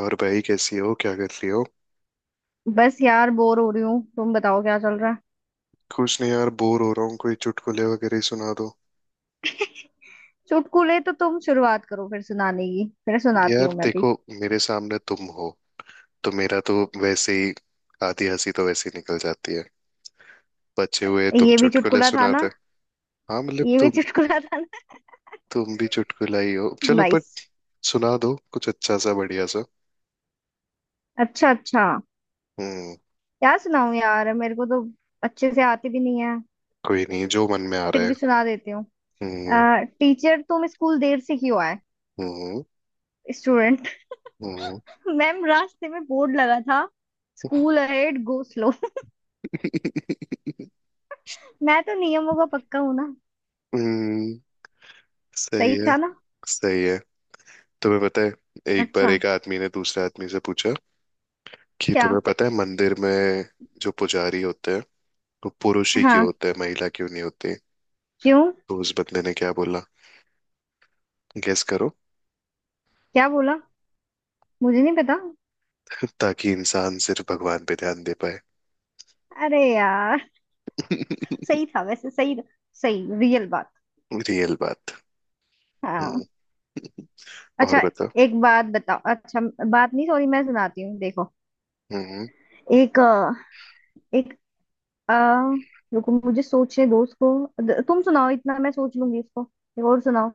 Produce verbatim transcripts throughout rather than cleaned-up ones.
और भाई, कैसी हो? क्या कर रही हो? बस यार बोर हो रही हूँ। तुम बताओ क्या चल रहा है? कुछ नहीं यार, बोर हो रहा हूँ। कोई चुटकुले वगैरह ही सुना दो। चुटकुले तो तुम शुरुआत करो, फिर सुनाने की, फिर सुनाती यार हूँ मैं भी। देखो, मेरे सामने तुम हो तो मेरा तो वैसे ही आधी हंसी तो वैसे ही निकल जाती है। बचे हुए तुम ये भी चुटकुले चुटकुला था सुनाते। ना? हाँ मतलब, ये भी तुम चुटकुला था ना? तुम भी चुटकुला ही हो, चलो पर। नाइस। सुना दो कुछ अच्छा सा, बढ़िया सा। अच्छा अच्छा। हम्म क्या सुनाऊं यार, मेरे को तो अच्छे से आती भी नहीं है। कोई नहीं, जो मन में आ रहा फिर है। भी सुना देती हूँ। हम्म। अ, टीचर, तुम स्कूल देर से क्यों आए? हम्म। स्टूडेंट। हम्म। मैम, रास्ते में बोर्ड लगा था, स्कूल अहेड गो स्लो। मैं तो नियमों का पक्का हूँ ना। हम्म। सही सही है। था ना? सही है। तुम्हें पता है, एक बार अच्छा। एक आदमी ने दूसरे आदमी से पूछा कि क्या? तुम्हें पता है, मंदिर में जो पुजारी होते हैं वो पुरुष ही क्यों हाँ। होते हैं, महिला क्यों नहीं होती? क्यों? तो उस बंदे ने क्या बोला? गेस करो। क्या बोला? मुझे नहीं पता। ताकि इंसान सिर्फ भगवान पे ध्यान दे पाए। अरे यार। सही था, वैसे सही था, सही, रियल बात। रियल बात। हम्म, हाँ। और अच्छा। बताओ। एक बात बताओ अच्छा। बात नहीं, सॉरी, मैं सुनाती हूँ। देखो, हम्म। एक अ, एक आ, रुको, मुझे सोचने दो उसको। द- तुम सुनाओ, इतना मैं सोच लूंगी इसको। एक और सुनाओ।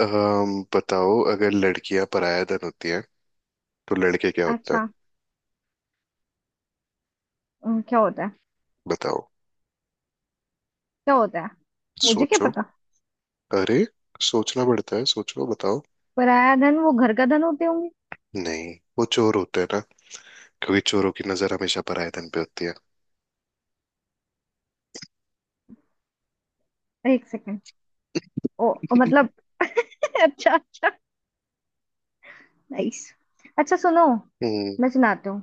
अम, बताओ, अगर लड़कियां पराया धन होती हैं तो लड़के क्या होता है? अच्छा। अम, क्या होता है? बताओ। क्या होता है? मुझे क्या सोचो। पता। अरे, सोचना पड़ता है, सोचो, बताओ। पराया धन? वो घर का धन होते होंगे। नहीं, वो चोर होते हैं ना। क्योंकि चोरों की नजर हमेशा पराया धन पे होती है। एक सेकेंड। ओ ओ, मतलब। अच्छा अच्छा। नाइस। अच्छा सुनो, हम्म। मैं सुनाती हूँ।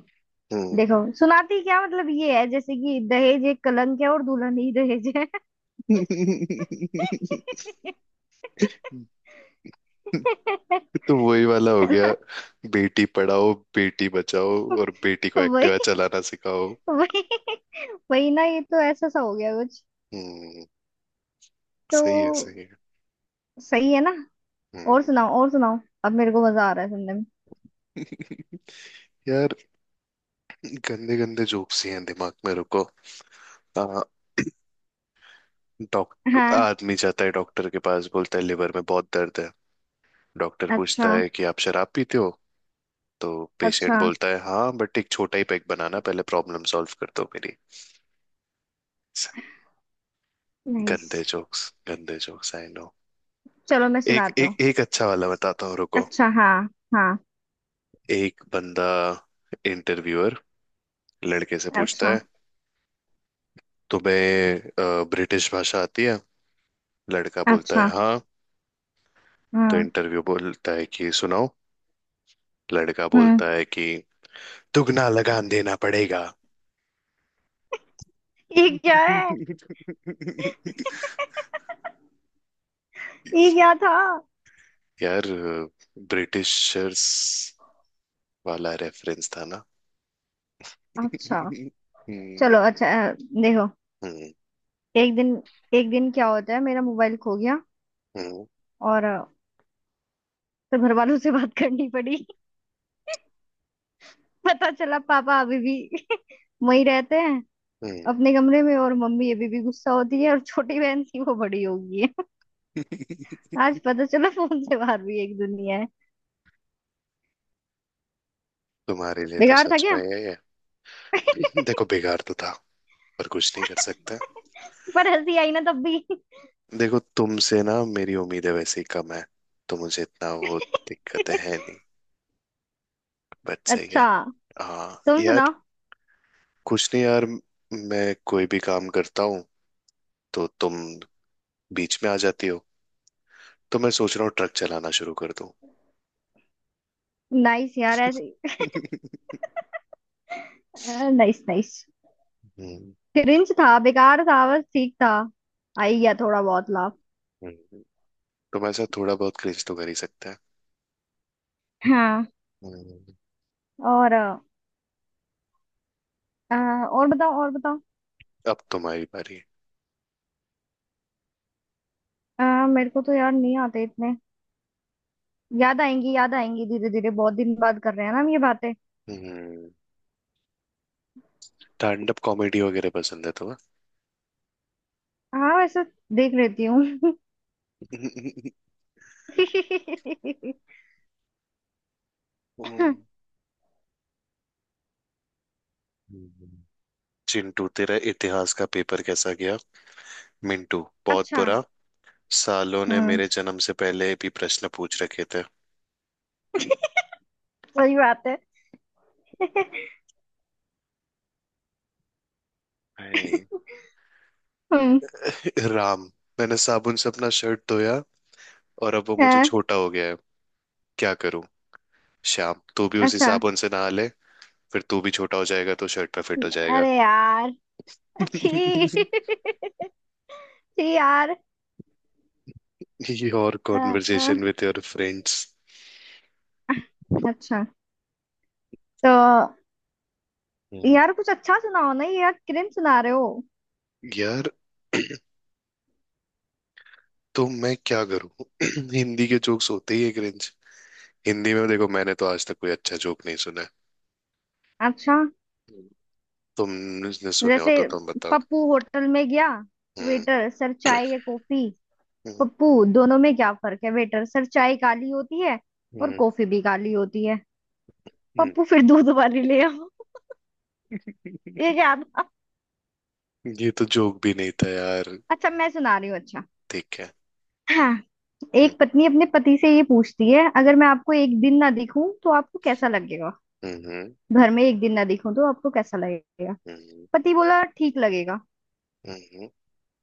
हम्म। देखो, सुनाती क्या, मतलब ये है, जैसे कि दहेज एक कलंक है और दुल्हन ही दहेज है। तो वही वाला हो गया। बेटी पढ़ाओ, बेटी बचाओ, और बेटी को वही एक्टिवा चलाना सिखाओ। वही वही ना, ये तो ऐसा सा हो गया कुछ। हम्म। सही है। सही तो है। सही है ना? और हम्म सुनाओ और सुनाओ। अब मेरे को मजा आ रहा है सुनने में। यार, गंदे गंदे जोक्स ही हैं दिमाग में, रुको। आ, डॉक्टर, हाँ। आदमी जाता है डॉक्टर के पास, बोलता है लिवर में बहुत दर्द है। डॉक्टर पूछता अच्छा है कि आप शराब पीते हो। तो अच्छा। पेशेंट बोलता है, हाँ बट एक छोटा ही पैक बनाना, पहले प्रॉब्लम सॉल्व कर दो मेरी। नाइस। गंदे जोक्स, गंदे जोक्स, आई नो। चलो मैं एक सुनाती एक हूँ। एक अच्छा वाला बताता हूँ, रुको। अच्छा हाँ। हाँ। एक बंदा, इंटरव्यूअर, लड़के से पूछता अच्छा है, तुम्हें ब्रिटिश भाषा आती है? लड़का बोलता अच्छा। है हाँ। तो हम्म इंटरव्यू बोलता है कि सुनाओ। लड़का हम्म। बोलता है कि दुगना लगान देना पड़ेगा। ये क्या है? ये क्या था? यार, ब्रिटिशर्स वाला रेफरेंस था ना। अच्छा हम्म। चलो अच्छा अ, देखो। हम्म। एक दिन एक दिन क्या होता है, मेरा मोबाइल खो गया। हम्म। और, तो घर वालों से बात करनी पड़ी। पता चला पापा अभी भी वहीं रहते हैं हम्म। अपने कमरे में, और मम्मी अभी भी गुस्सा होती है, और छोटी बहन थी वो बड़ी हो गई है। आज पता चला फोन से बाहर भी एक दुनिया है। तुम्हारे लिए तो बेकार था सच में क्या? ये है। देखो, बेकार तो था पर कुछ नहीं कर सकता। पर हंसी आई ना तब भी। देखो, तुमसे ना मेरी उम्मीदें वैसे ही कम है, तो मुझे इतना वो दिक्कतें हैं नहीं। बट सही अच्छा। है। हाँ तुम यार। सुनाओ। कुछ नहीं यार, मैं कोई भी काम करता हूँ तो तुम बीच में आ जाती हो, तो मैं सोच रहा हूँ ट्रक चलाना शुरू कर दूँ। नाइस यार ऐसे। Nice nice. हम्म। क्रिंज था, बेकार था, बस ठीक था। आई गया थोड़ा बहुत लाभ। हम्म। तुम ऐसा थोड़ा बहुत क्रिंज तो कर ही सकते हैं। हाँ। हम्म, और अ, अ, और बताओ और बताओ। अब तुम्हारी बारी। अ, मेरे को तो यार नहीं आते इतने। याद आएंगी याद आएंगी धीरे धीरे, बहुत दिन बाद कर रहे हैं ना हम ये बातें। हम्म स्टैंड अप कॉमेडी वगैरह पसंद है हाँ वैसे देख लेती हूँ। तुम्हें? हम्म, चिंटू, तेरा इतिहास का पेपर कैसा गया? मिंटू, बहुत अच्छा। बुरा, सालों ने हम्म। मेरे जन्म से पहले भी प्रश्न पूछ रखे थे। सही बात है। हाय हम्म। राम, मैंने साबुन से अपना शर्ट धोया और अब वो मुझे है, छोटा हो गया है, क्या करूं? श्याम, तू भी उसी अच्छा। साबुन से नहा ले, फिर तू भी छोटा हो जाएगा तो शर्ट पे फिट हो जाएगा। अरे यार। अच्छी अच्छी। यार। Your uh, uh, conversation with your friends. अच्छा। तो यार कुछ अच्छा सुनाओ ना, ये यार cringe सुना रहे हो। यार, तो मैं क्या करूं? हिंदी के जोक्स होते ही एक रेंज। हिंदी में देखो, मैंने तो आज तक कोई अच्छा जोक नहीं सुना है। अच्छा, हम्म। तुमने सुने हो जैसे तो तुम बताओ। पप्पू होटल में गया। हम्म। वेटर, सर चाय या कॉफी? हम्म। पप्पू, दोनों में क्या फर्क है? वेटर, सर चाय काली होती है और हम्म। कॉफी भी काली होती है। पप्पू, फिर दूध वाली ले आओ। ये हम्म। क्या था? ये तो जोक भी नहीं था यार। अच्छा मैं सुना रही हूँ अच्छा। ठीक है। हाँ। हम्म। एक पत्नी अपने पति से ये पूछती है, अगर मैं आपको एक दिन ना दिखूं तो आपको कैसा लगेगा, हम्म। घर में एक दिन ना दिखूं तो आपको कैसा लगेगा? हम्म। पति बोला, ठीक लगेगा। हम्म।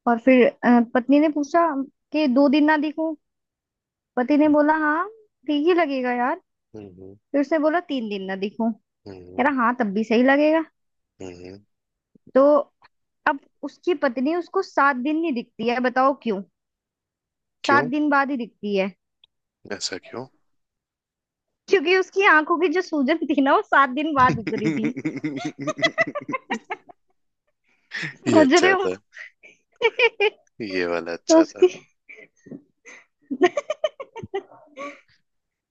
और फिर अ, पत्नी ने पूछा कि दो दिन ना दिखूं। पति ने बोला हाँ, ठीक ही लगेगा यार। हम्म। फिर उसने बोला तीन दिन ना दिखूं। हम्म। कह हम्म। रहा हाँ तब भी सही लगेगा। हम्म। तो अब उसकी पत्नी उसको सात दिन नहीं दिखती है, बताओ क्यों? सात क्यों? दिन बाद ही दिखती है। ऐसा क्यों? क्योंकि उसकी आंखों की जो सूजन थी ना वो सात दिन बाद उतरी थी। ये समझ रहे अच्छा हो? था। ये वाला तो अच्छा था। उसकी।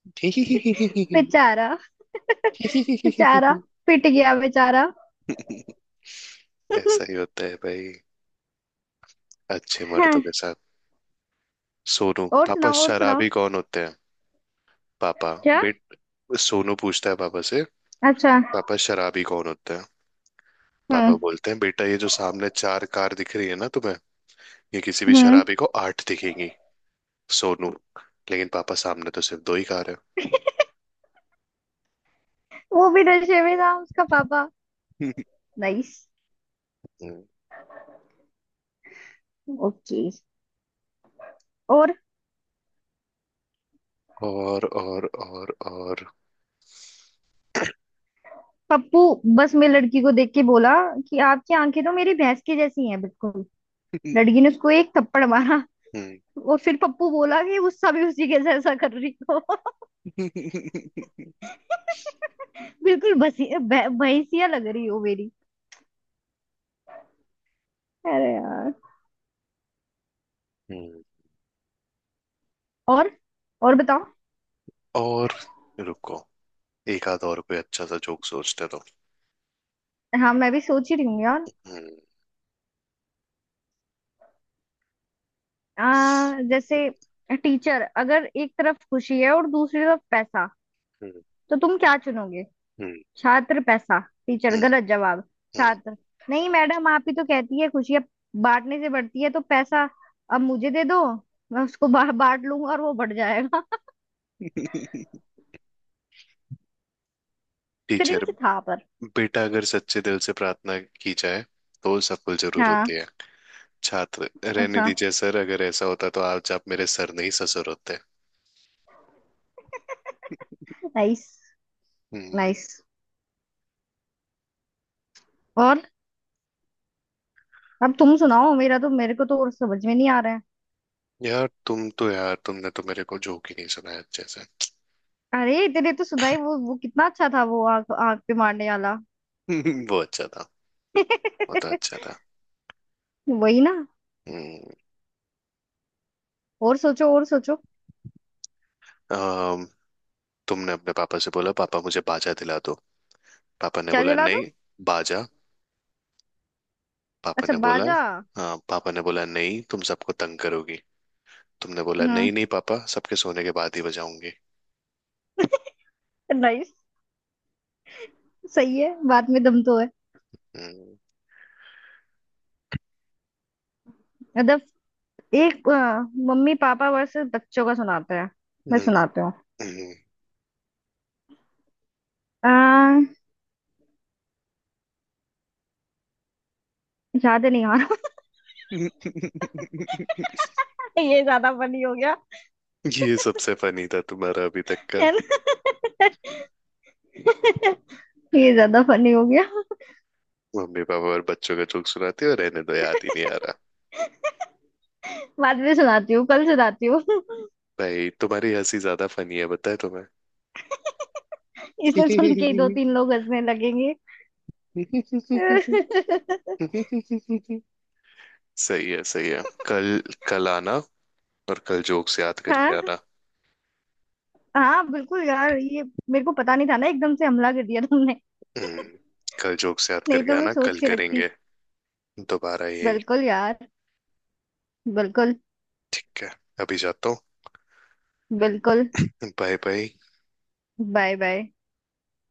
बेचारा, बेचारा, पिट गया बेचारा। ऐसा ही होता है भाई, अच्छे मर्दों हाँ, के साथ। सोनू, और पापा सुनाओ और सुनाओ। शराबी कौन होते हैं? पापा क्या? बेट सोनू पूछता है पापा से, अच्छा। पापा शराबी कौन होते हैं? पापा हम्म बोलते हैं, बेटा, ये जो सामने चार कार दिख रही है ना तुम्हें, ये किसी भी हम्म। शराबी को आठ दिखेंगी। सोनू, लेकिन पापा सामने तो सिर्फ दो ही कार है। वो भी नशे में था उसका पापा। नाइस। हम्म। ओके। और और, और, और, और। पप्पू बस में लड़की को देख के बोला कि आपकी आंखें तो मेरी भैंस की जैसी हैं बिल्कुल। हम्म। लड़की ने उसको एक थप्पड़ मारा, और फिर पप्पू बोला कि गुस्सा भी उसी के जैसा कर रही हो। बिल्कुल भसी भै- भैंसिया लग रही हो मेरी। अरे यार। हम्म। और और बताओ। और रुको, एक आध और कोई अच्छा सा जोक सोचते तो। हाँ मैं भी सोच ही रही हूँ यार। हम्म। आ, जैसे टीचर, अगर एक तरफ खुशी है और दूसरी तरफ पैसा हम्म। तो तुम क्या चुनोगे? हम्म। छात्र, पैसा। टीचर, हम्म। गलत जवाब। हम्म। छात्र, नहीं मैडम, आप ही तो कहती है खुशियाँ बांटने से बढ़ती है, तो पैसा अब मुझे दे दो, मैं उसको बा, बांट लूंगा और वो बढ़ जाएगा। टीचर, क्रिंज था पर। बेटा अगर सच्चे दिल से प्रार्थना की जाए तो सफल जरूर हाँ। होती है। छात्र, रहने अच्छा। दीजिए सर, अगर ऐसा होता तो आज आप मेरे सर नहीं ससुर होते। नाइस। हम्म नाइस। और, अब तुम सुनाओ, मेरा तो, मेरे को तो और समझ में नहीं आ रहा है। यार, तुम तो यार, तुमने तो मेरे को जोक ही नहीं सुनाया अच्छे से। अरे तेरे तो सुनाई, वो वो कितना अच्छा था, वो आग आग पे मारने वाला। वो अच्छा था। वो तो अच्छा था। वही ना। हम्म। और सोचो और सोचो। अम, तुमने अपने पापा से बोला, पापा मुझे बाजा दिला दो। पापा ने क्या बोला जला दो? नहीं। बाजा। पापा अच्छा, ने बोला बाजा। हाँ, पापा ने बोला नहीं, तुम सबको तंग करोगी। तुमने बोला, नहीं हम्म। नहीं पापा, सबके सोने के बाद ही बजाऊंगी। नाइस। सही है, बात में दम तो है। हम्म। मतलब, एक अ, मम्मी पापा वर्सेस बच्चों का सुनाते हैं, मैं हम्म। सुनाती हूँ। हम्म। अ, याद नहीं आ रहा। ये ये ज्यादा फनी हो गया, सबसे फनी था तुम्हारा अभी तक का। है ना। ये ज्यादा फनी हो गया। मम्मी पापा और बच्चों का जोक सुनाते हो, रहने दो, याद ही नहीं आ रहा। बाद में सुनाती हूँ, कल सुनाती हूँ। भाई, तुम्हारी हंसी ज्यादा फनी है बताए तुम्हें। इसे सुन के ही दो तीन लोग हंसने लगेंगे। सही है, सही है, कल। कल आना। और कल जोक्स याद करके हाँ, आना। हाँ बिल्कुल यार, ये मेरे को पता नहीं था ना, एकदम से हमला कर दिया तुमने। हम्म, कल जोक्स याद नहीं करके तो मैं आना, सोच कल के रखती। करेंगे दोबारा यही। बिल्कुल यार। बिल्कुल। ठीक है, अभी जाता हूँ। बिल्कुल। Bye bye. Bye bye.